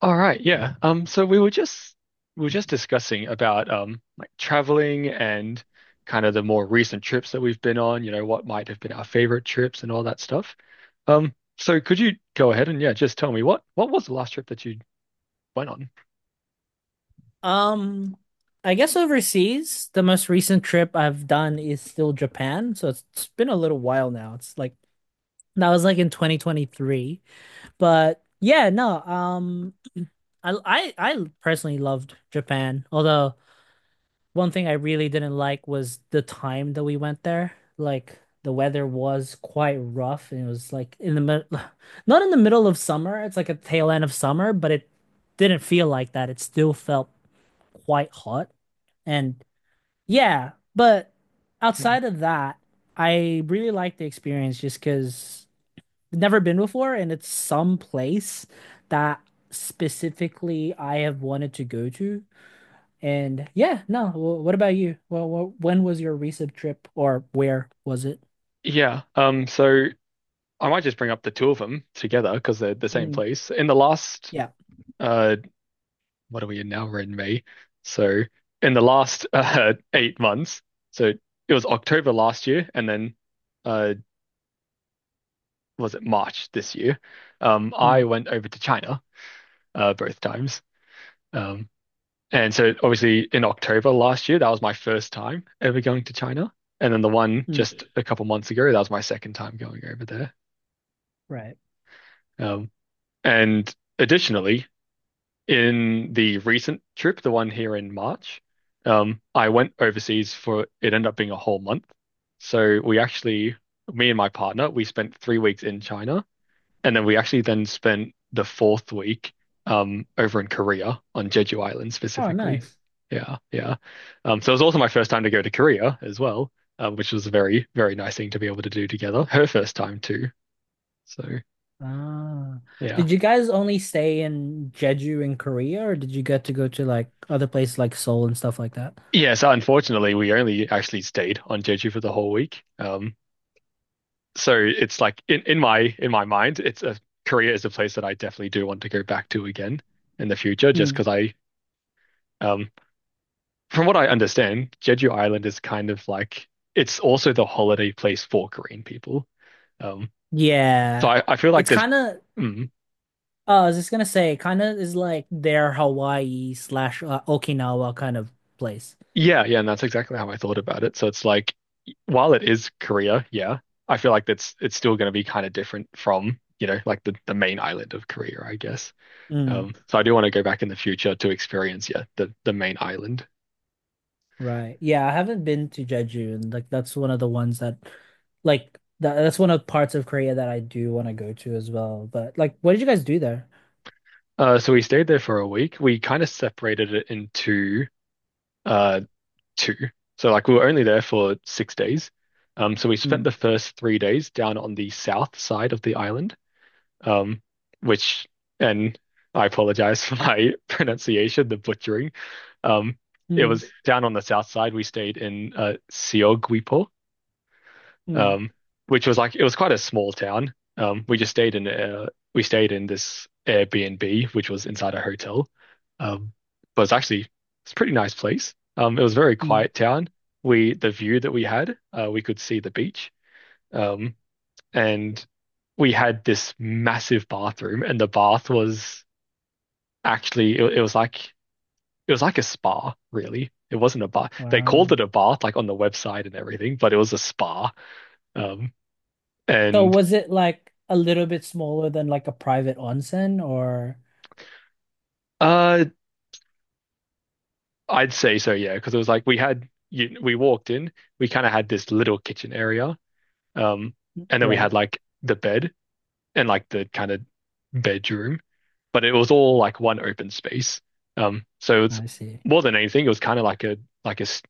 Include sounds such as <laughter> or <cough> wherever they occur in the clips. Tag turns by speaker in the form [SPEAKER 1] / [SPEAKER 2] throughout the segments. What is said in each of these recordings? [SPEAKER 1] All right, yeah. So we were just discussing about like traveling and kind of the more recent trips that we've been on, you know, what might have been our favorite trips and all that stuff. So could you go ahead and yeah, just tell me what was the last trip that you went on?
[SPEAKER 2] Um, I guess overseas, the most recent trip I've done is still Japan. So it's been a little while now. It's like that was like in 2023. But yeah, no, I personally loved Japan. Although one thing I really didn't like was the time that we went there. Like the weather was quite rough and it was like in the mid <sighs> not in the middle of summer. It's like a tail end of summer, but it didn't feel like that. It still felt quite hot. And yeah, but
[SPEAKER 1] Mm.
[SPEAKER 2] outside of that, I really like the experience just because I've never been before and it's some place that specifically I have wanted to go to. And yeah, no, what about you? Well, when was your recent trip or where was it?
[SPEAKER 1] Yeah. So I might just bring up the two of them together because they're the same
[SPEAKER 2] Mm,
[SPEAKER 1] place. In the last
[SPEAKER 2] yeah.
[SPEAKER 1] uh what are we in now? We're in May. So in the last <laughs> 8 months, so it was October last year and then uh was it March this year, I
[SPEAKER 2] Mm,
[SPEAKER 1] went over to China both times. Um, and so obviously in October last year, that was my first time ever going to China. And then the one
[SPEAKER 2] mm,
[SPEAKER 1] just a couple months ago, that was my second time going over there.
[SPEAKER 2] right.
[SPEAKER 1] Um, and Additionally, in the recent trip, the one here in March, I went overseas for it ended up being a whole month. So we actually, me and my partner, we spent 3 weeks in China. And then we actually then spent the fourth week over in Korea on Jeju Island
[SPEAKER 2] Oh,
[SPEAKER 1] specifically.
[SPEAKER 2] nice.
[SPEAKER 1] Yeah, yeah. So it was also my first time to go to Korea as well, which was a very, very nice thing to be able to do together. Her first time too. So
[SPEAKER 2] Ah,
[SPEAKER 1] yeah.
[SPEAKER 2] did you guys only stay in Jeju in Korea or did you get to go to like other places like Seoul and stuff like that?
[SPEAKER 1] Yeah, so unfortunately we only actually stayed on Jeju for the whole week. So it's like in my mind, it's a Korea is a place that I definitely do want to go back to again in the future just because I um from what I understand, Jeju Island is kind of like it's also the holiday place for Korean people. Um, so
[SPEAKER 2] Yeah.
[SPEAKER 1] I feel like
[SPEAKER 2] It's kind of,
[SPEAKER 1] mm,
[SPEAKER 2] I was just gonna say, kind of is like their Hawaii slash Okinawa kind of place.
[SPEAKER 1] yeah, yeah, and that's exactly how I thought about it. So it's like, while it is Korea, yeah, I feel like that's it's still going to be kind of different from, you know, like the main island of Korea, I guess.
[SPEAKER 2] Mm,
[SPEAKER 1] So I do want to go back in the future to experience, yeah, the main island.
[SPEAKER 2] right. Yeah, I haven't been to Jeju, and like that's one of the ones that, that's one of parts of Korea that I do want to go to as well. But like, what did you guys do there?
[SPEAKER 1] So we stayed there for a week. We kind of separated it into uh two. So like we were only there for 6 days. So we spent
[SPEAKER 2] Mm,
[SPEAKER 1] the first three days down on the south side of the island, um, which, and I apologize for my <laughs> pronunciation, the butchering. Um, it
[SPEAKER 2] mm,
[SPEAKER 1] was down on the south side. We stayed in Siogwipo,
[SPEAKER 2] mm,
[SPEAKER 1] um, which was like it was quite a small town. We just stayed in we stayed in this Airbnb, which was inside a hotel. Um, but it's a pretty nice place. It was a very
[SPEAKER 2] mm.
[SPEAKER 1] quiet town. We The view that we had, we could see the beach. Um, and we had this massive bathroom, and the bath was like it was like a spa, really. It wasn't a bath. They called
[SPEAKER 2] Wow.
[SPEAKER 1] it a bath, like on the website and everything, but it was a spa. Um,
[SPEAKER 2] So
[SPEAKER 1] and
[SPEAKER 2] was it like a little bit smaller than like a private onsen or?
[SPEAKER 1] uh, I'd say so, yeah, because it was like we walked in, we kind of had this little kitchen area, um, and then we had
[SPEAKER 2] Right.
[SPEAKER 1] like the bed and like the kind of bedroom, but it was all like one open space. So it's
[SPEAKER 2] I see.
[SPEAKER 1] more than anything, it was kind of like a like a s-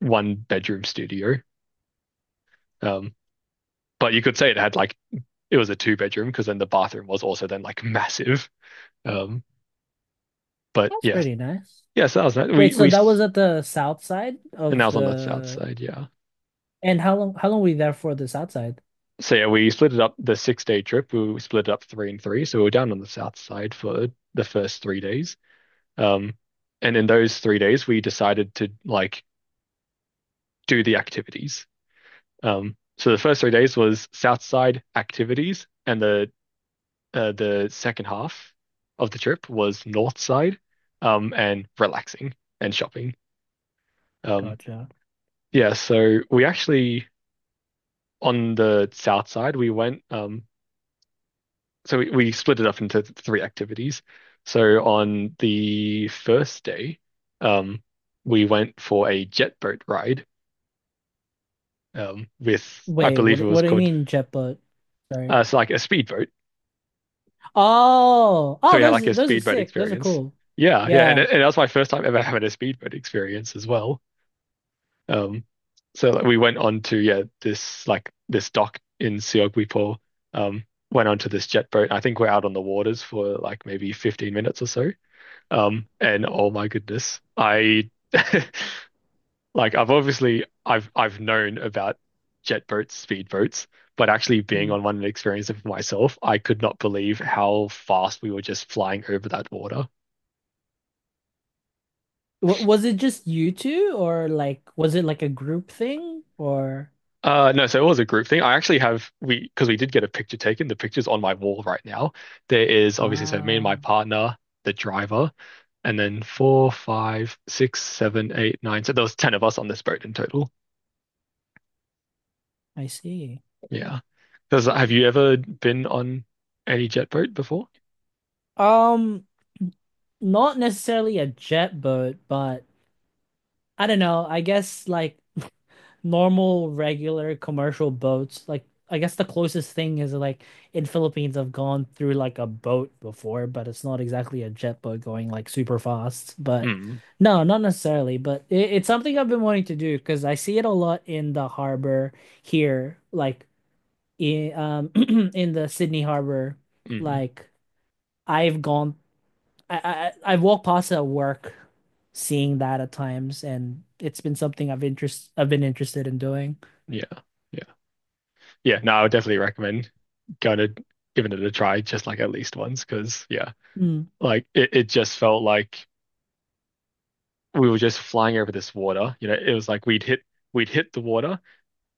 [SPEAKER 1] one bedroom studio. Um, but you could say it had like it was a two-bedroom because then the bathroom was also then like massive. Um, but
[SPEAKER 2] That's
[SPEAKER 1] yes,
[SPEAKER 2] pretty nice.
[SPEAKER 1] yes, that was nice.
[SPEAKER 2] Wait, so that was at the south side
[SPEAKER 1] And that
[SPEAKER 2] of
[SPEAKER 1] was on the south
[SPEAKER 2] the.
[SPEAKER 1] side, yeah.
[SPEAKER 2] And how long? How long were you there for the south side?
[SPEAKER 1] So yeah, we split it up the 6 day trip. We split it up three and three. So we were down on the south side for the first three days. Um, and in those three days, we decided to like do the activities. So the first three days was south side activities, and the second half of the trip was north side, and relaxing and shopping. Um,
[SPEAKER 2] Gotcha.
[SPEAKER 1] yeah, so we actually on the south side we went so we split it up into three activities. So on the first day, um, we went for a jet boat ride um, with, I
[SPEAKER 2] Wait, what?
[SPEAKER 1] believe it was
[SPEAKER 2] What do you
[SPEAKER 1] called,
[SPEAKER 2] mean jet boat? Sorry.
[SPEAKER 1] it's like a speedboat.
[SPEAKER 2] Oh,
[SPEAKER 1] So
[SPEAKER 2] oh,
[SPEAKER 1] we had like a
[SPEAKER 2] those are
[SPEAKER 1] speedboat
[SPEAKER 2] sick. Those are
[SPEAKER 1] experience.
[SPEAKER 2] cool.
[SPEAKER 1] Yeah, yeah, and,
[SPEAKER 2] Yeah.
[SPEAKER 1] it- and that was my first time ever having a speedboat experience as well. Um, so like, we went on to yeah this dock in Siog Wipo, um, went onto this jet boat. I think we're out on the waters for like maybe 15 minutes or so. And oh my goodness, I <laughs> like I've obviously I've known about jet boats, speed boats, but actually being
[SPEAKER 2] Hmm.
[SPEAKER 1] on one and experiencing it for myself, I could not believe how fast we were just flying over that water.
[SPEAKER 2] W was it just you two, or like was it like a group thing, or
[SPEAKER 1] No, so it was a group thing. I actually have we because we did get a picture taken. The picture's on my wall right now. There is obviously so me and
[SPEAKER 2] ah,
[SPEAKER 1] my partner, the driver, and then four, five, six, seven, eight, nine. So there was ten of us on this boat in total.
[SPEAKER 2] I see.
[SPEAKER 1] Yeah. Does have you ever been on any jet boat before?
[SPEAKER 2] Um, not necessarily a jet boat, but I don't know. I guess like <laughs> normal, regular commercial boats. Like I guess the closest thing is like in Philippines, I've gone through like a boat before, but it's not exactly a jet boat going like super fast. But
[SPEAKER 1] Mm,
[SPEAKER 2] no, not necessarily. But it's something I've been wanting to do because I see it a lot in the harbor here, like in <clears throat> in the Sydney harbor.
[SPEAKER 1] mm,
[SPEAKER 2] Like I've gone, I've walked past it at work, seeing that at times, and it's been something I've been interested in doing.
[SPEAKER 1] yeah, yeah, yeah. No, I would definitely recommend going to giving it a try, just like at least once, because yeah,
[SPEAKER 2] Hmm.
[SPEAKER 1] like it just felt like we were just flying over this water. You know, it was like we'd hit the water,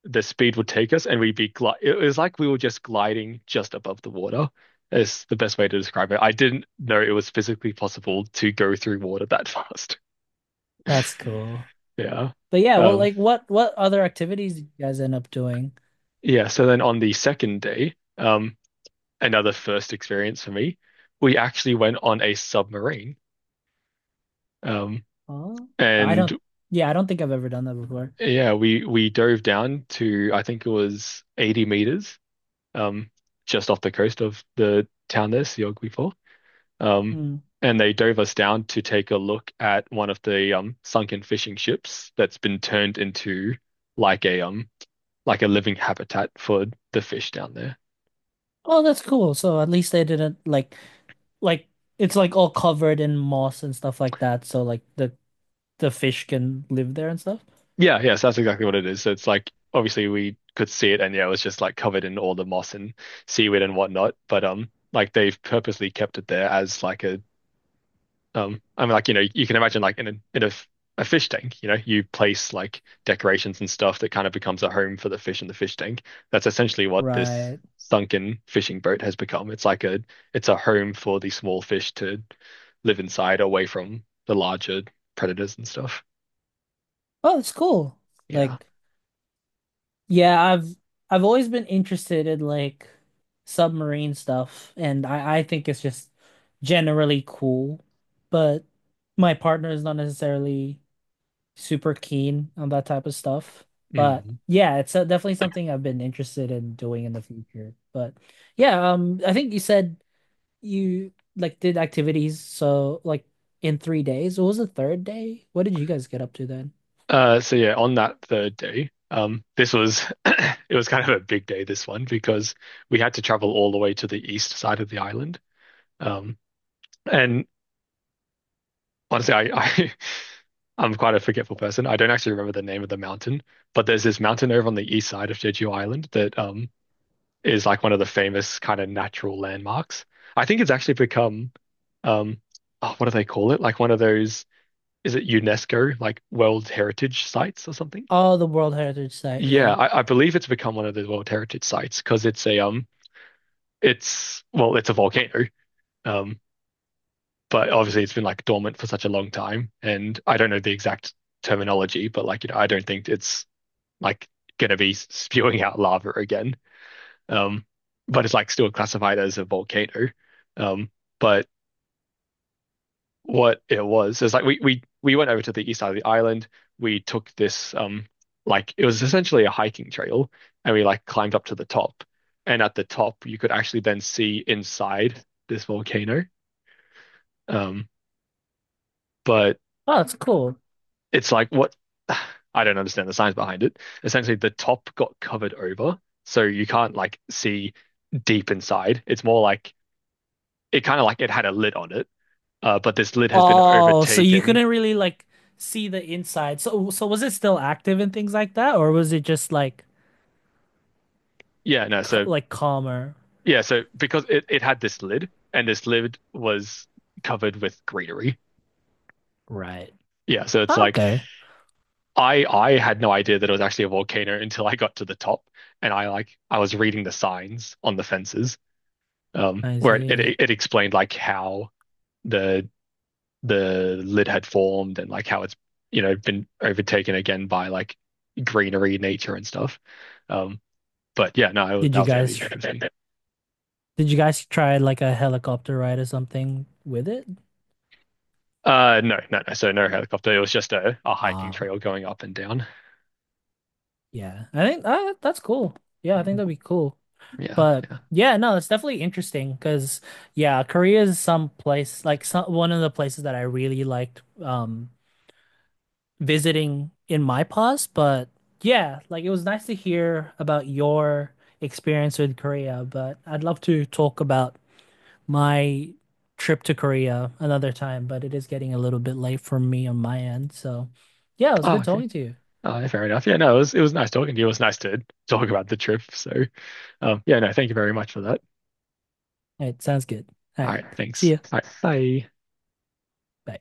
[SPEAKER 1] the speed would take us, and we'd be gli it was like we were just gliding just above the water. Is the best way to describe it. I didn't know it was physically possible to go through water that <laughs> fast.
[SPEAKER 2] That's cool.
[SPEAKER 1] Yeah.
[SPEAKER 2] But yeah, well,
[SPEAKER 1] Um,
[SPEAKER 2] like what other activities did you guys end up doing?
[SPEAKER 1] yeah, so then on the second day, another first experience for me, we actually went on a submarine. Um,
[SPEAKER 2] Oh, I don't.
[SPEAKER 1] and
[SPEAKER 2] Yeah, I don't think I've ever done that before.
[SPEAKER 1] yeah, we dove down to I think it was 80 meters, um, just off the coast of the town there, Siogwipo. Um,
[SPEAKER 2] Mm.
[SPEAKER 1] and they dove us down to take a look at one of the sunken fishing ships that's been turned into like a um like a living habitat for the fish down there.
[SPEAKER 2] Oh, that's cool. So at least they didn't like it's like all covered in moss and stuff like that. So like the fish can live there and stuff.
[SPEAKER 1] Yeah, yes, that's exactly what it is. So it's like obviously we could see it and yeah, it was just like covered in all the moss and seaweed and whatnot. But like they've purposely kept it there as like a I mean like you know, you can imagine like in a fish tank, you know, you place like decorations and stuff that kind of becomes a home for the fish in the fish tank. That's essentially what this
[SPEAKER 2] Right.
[SPEAKER 1] sunken fishing boat has become. It's like a it's a home for the small fish to live inside away from the larger predators and stuff.
[SPEAKER 2] Oh, that's cool.
[SPEAKER 1] Yeah.
[SPEAKER 2] Like yeah, I've always been interested in like submarine stuff, and I think it's just generally cool, but my partner is not necessarily super keen on that type of stuff. But
[SPEAKER 1] Mm.
[SPEAKER 2] yeah, it's definitely something I've been interested in doing in the future. But yeah, I think you said you like did activities so like in 3 days. What was the third day? What did you guys get up to then?
[SPEAKER 1] So yeah, on that third day, this was <coughs> <clears throat> it was kind of a big day this one because we had to travel all the way to the east side of the island. Um, and Honestly, I <laughs> I'm quite a forgetful person. I don't actually remember the name of the mountain, but there's this mountain over on the east side of Jeju Island that is like one of the famous kind of natural landmarks. I think it's actually become um oh, what do they call it? Like one of those is it UNESCO like World Heritage Sites or something?
[SPEAKER 2] Oh, the World Heritage Site,
[SPEAKER 1] Yeah,
[SPEAKER 2] yeah.
[SPEAKER 1] I believe it's become one of the World Heritage sites because it's a it's well, it's a volcano. Um, but obviously it's been like dormant for such a long time, and I don't know the exact terminology, but like you know, I don't think it's like gonna be spewing out lava again. Um, but it's like still classified as a volcano. Um, but what it was. Is like we went over to the east side of the island. We took this like it was essentially a hiking trail, and we like climbed up to the top. And at the top, you could actually then see inside this volcano. Um, but
[SPEAKER 2] Oh, that's cool.
[SPEAKER 1] it's like what <sighs> I don't understand the science behind it. Essentially, the top got covered over, so you can't like see deep inside. It's more like it kind of like it had a lid on it, but this lid has been
[SPEAKER 2] Oh, so you
[SPEAKER 1] overtaken.
[SPEAKER 2] couldn't really like see the inside. So was it still active and things like that, or was it just like
[SPEAKER 1] Yeah, no,
[SPEAKER 2] c
[SPEAKER 1] so
[SPEAKER 2] like calmer?
[SPEAKER 1] Yeah, so because it had this lid, and this lid was covered with greenery.
[SPEAKER 2] Right.
[SPEAKER 1] Yeah, so it's
[SPEAKER 2] Oh,
[SPEAKER 1] like
[SPEAKER 2] okay.
[SPEAKER 1] I had no idea that it was actually a volcano until I got to the top, and I was reading the signs on the fences, um,
[SPEAKER 2] I
[SPEAKER 1] where
[SPEAKER 2] see.
[SPEAKER 1] it explained like how the the lid had formed and like how it's you know been overtaken again by like greenery, nature and stuff. Um, but yeah, no,
[SPEAKER 2] Did
[SPEAKER 1] that
[SPEAKER 2] you
[SPEAKER 1] was pretty
[SPEAKER 2] guys
[SPEAKER 1] interesting.
[SPEAKER 2] did you guys try like a helicopter ride or something with it?
[SPEAKER 1] No, no, no. So no helicopter. It was just a hiking
[SPEAKER 2] Uh
[SPEAKER 1] trail going up and down.
[SPEAKER 2] yeah. I think that's cool. Yeah, I think
[SPEAKER 1] Mm,
[SPEAKER 2] that'd be cool.
[SPEAKER 1] yeah,
[SPEAKER 2] But
[SPEAKER 1] yeah.
[SPEAKER 2] yeah, no, it's definitely interesting because yeah, Korea is some place like some one of the places that I really liked visiting in my past, but yeah, like it was nice to hear about your experience with Korea, but I'd love to talk about my trip to Korea another time, but it is getting a little bit late for me on my end. So, yeah, it was
[SPEAKER 1] Oh,
[SPEAKER 2] good
[SPEAKER 1] okay.
[SPEAKER 2] talking to you.
[SPEAKER 1] Oh, yeah, fair enough. Yeah, no, it was nice talking to you. It was nice to talk about the trip. Yeah, no, thank you very much for that.
[SPEAKER 2] All right, sounds good. All
[SPEAKER 1] All
[SPEAKER 2] right,
[SPEAKER 1] right,
[SPEAKER 2] see
[SPEAKER 1] thanks.
[SPEAKER 2] ya.
[SPEAKER 1] All right, bye.
[SPEAKER 2] Bye.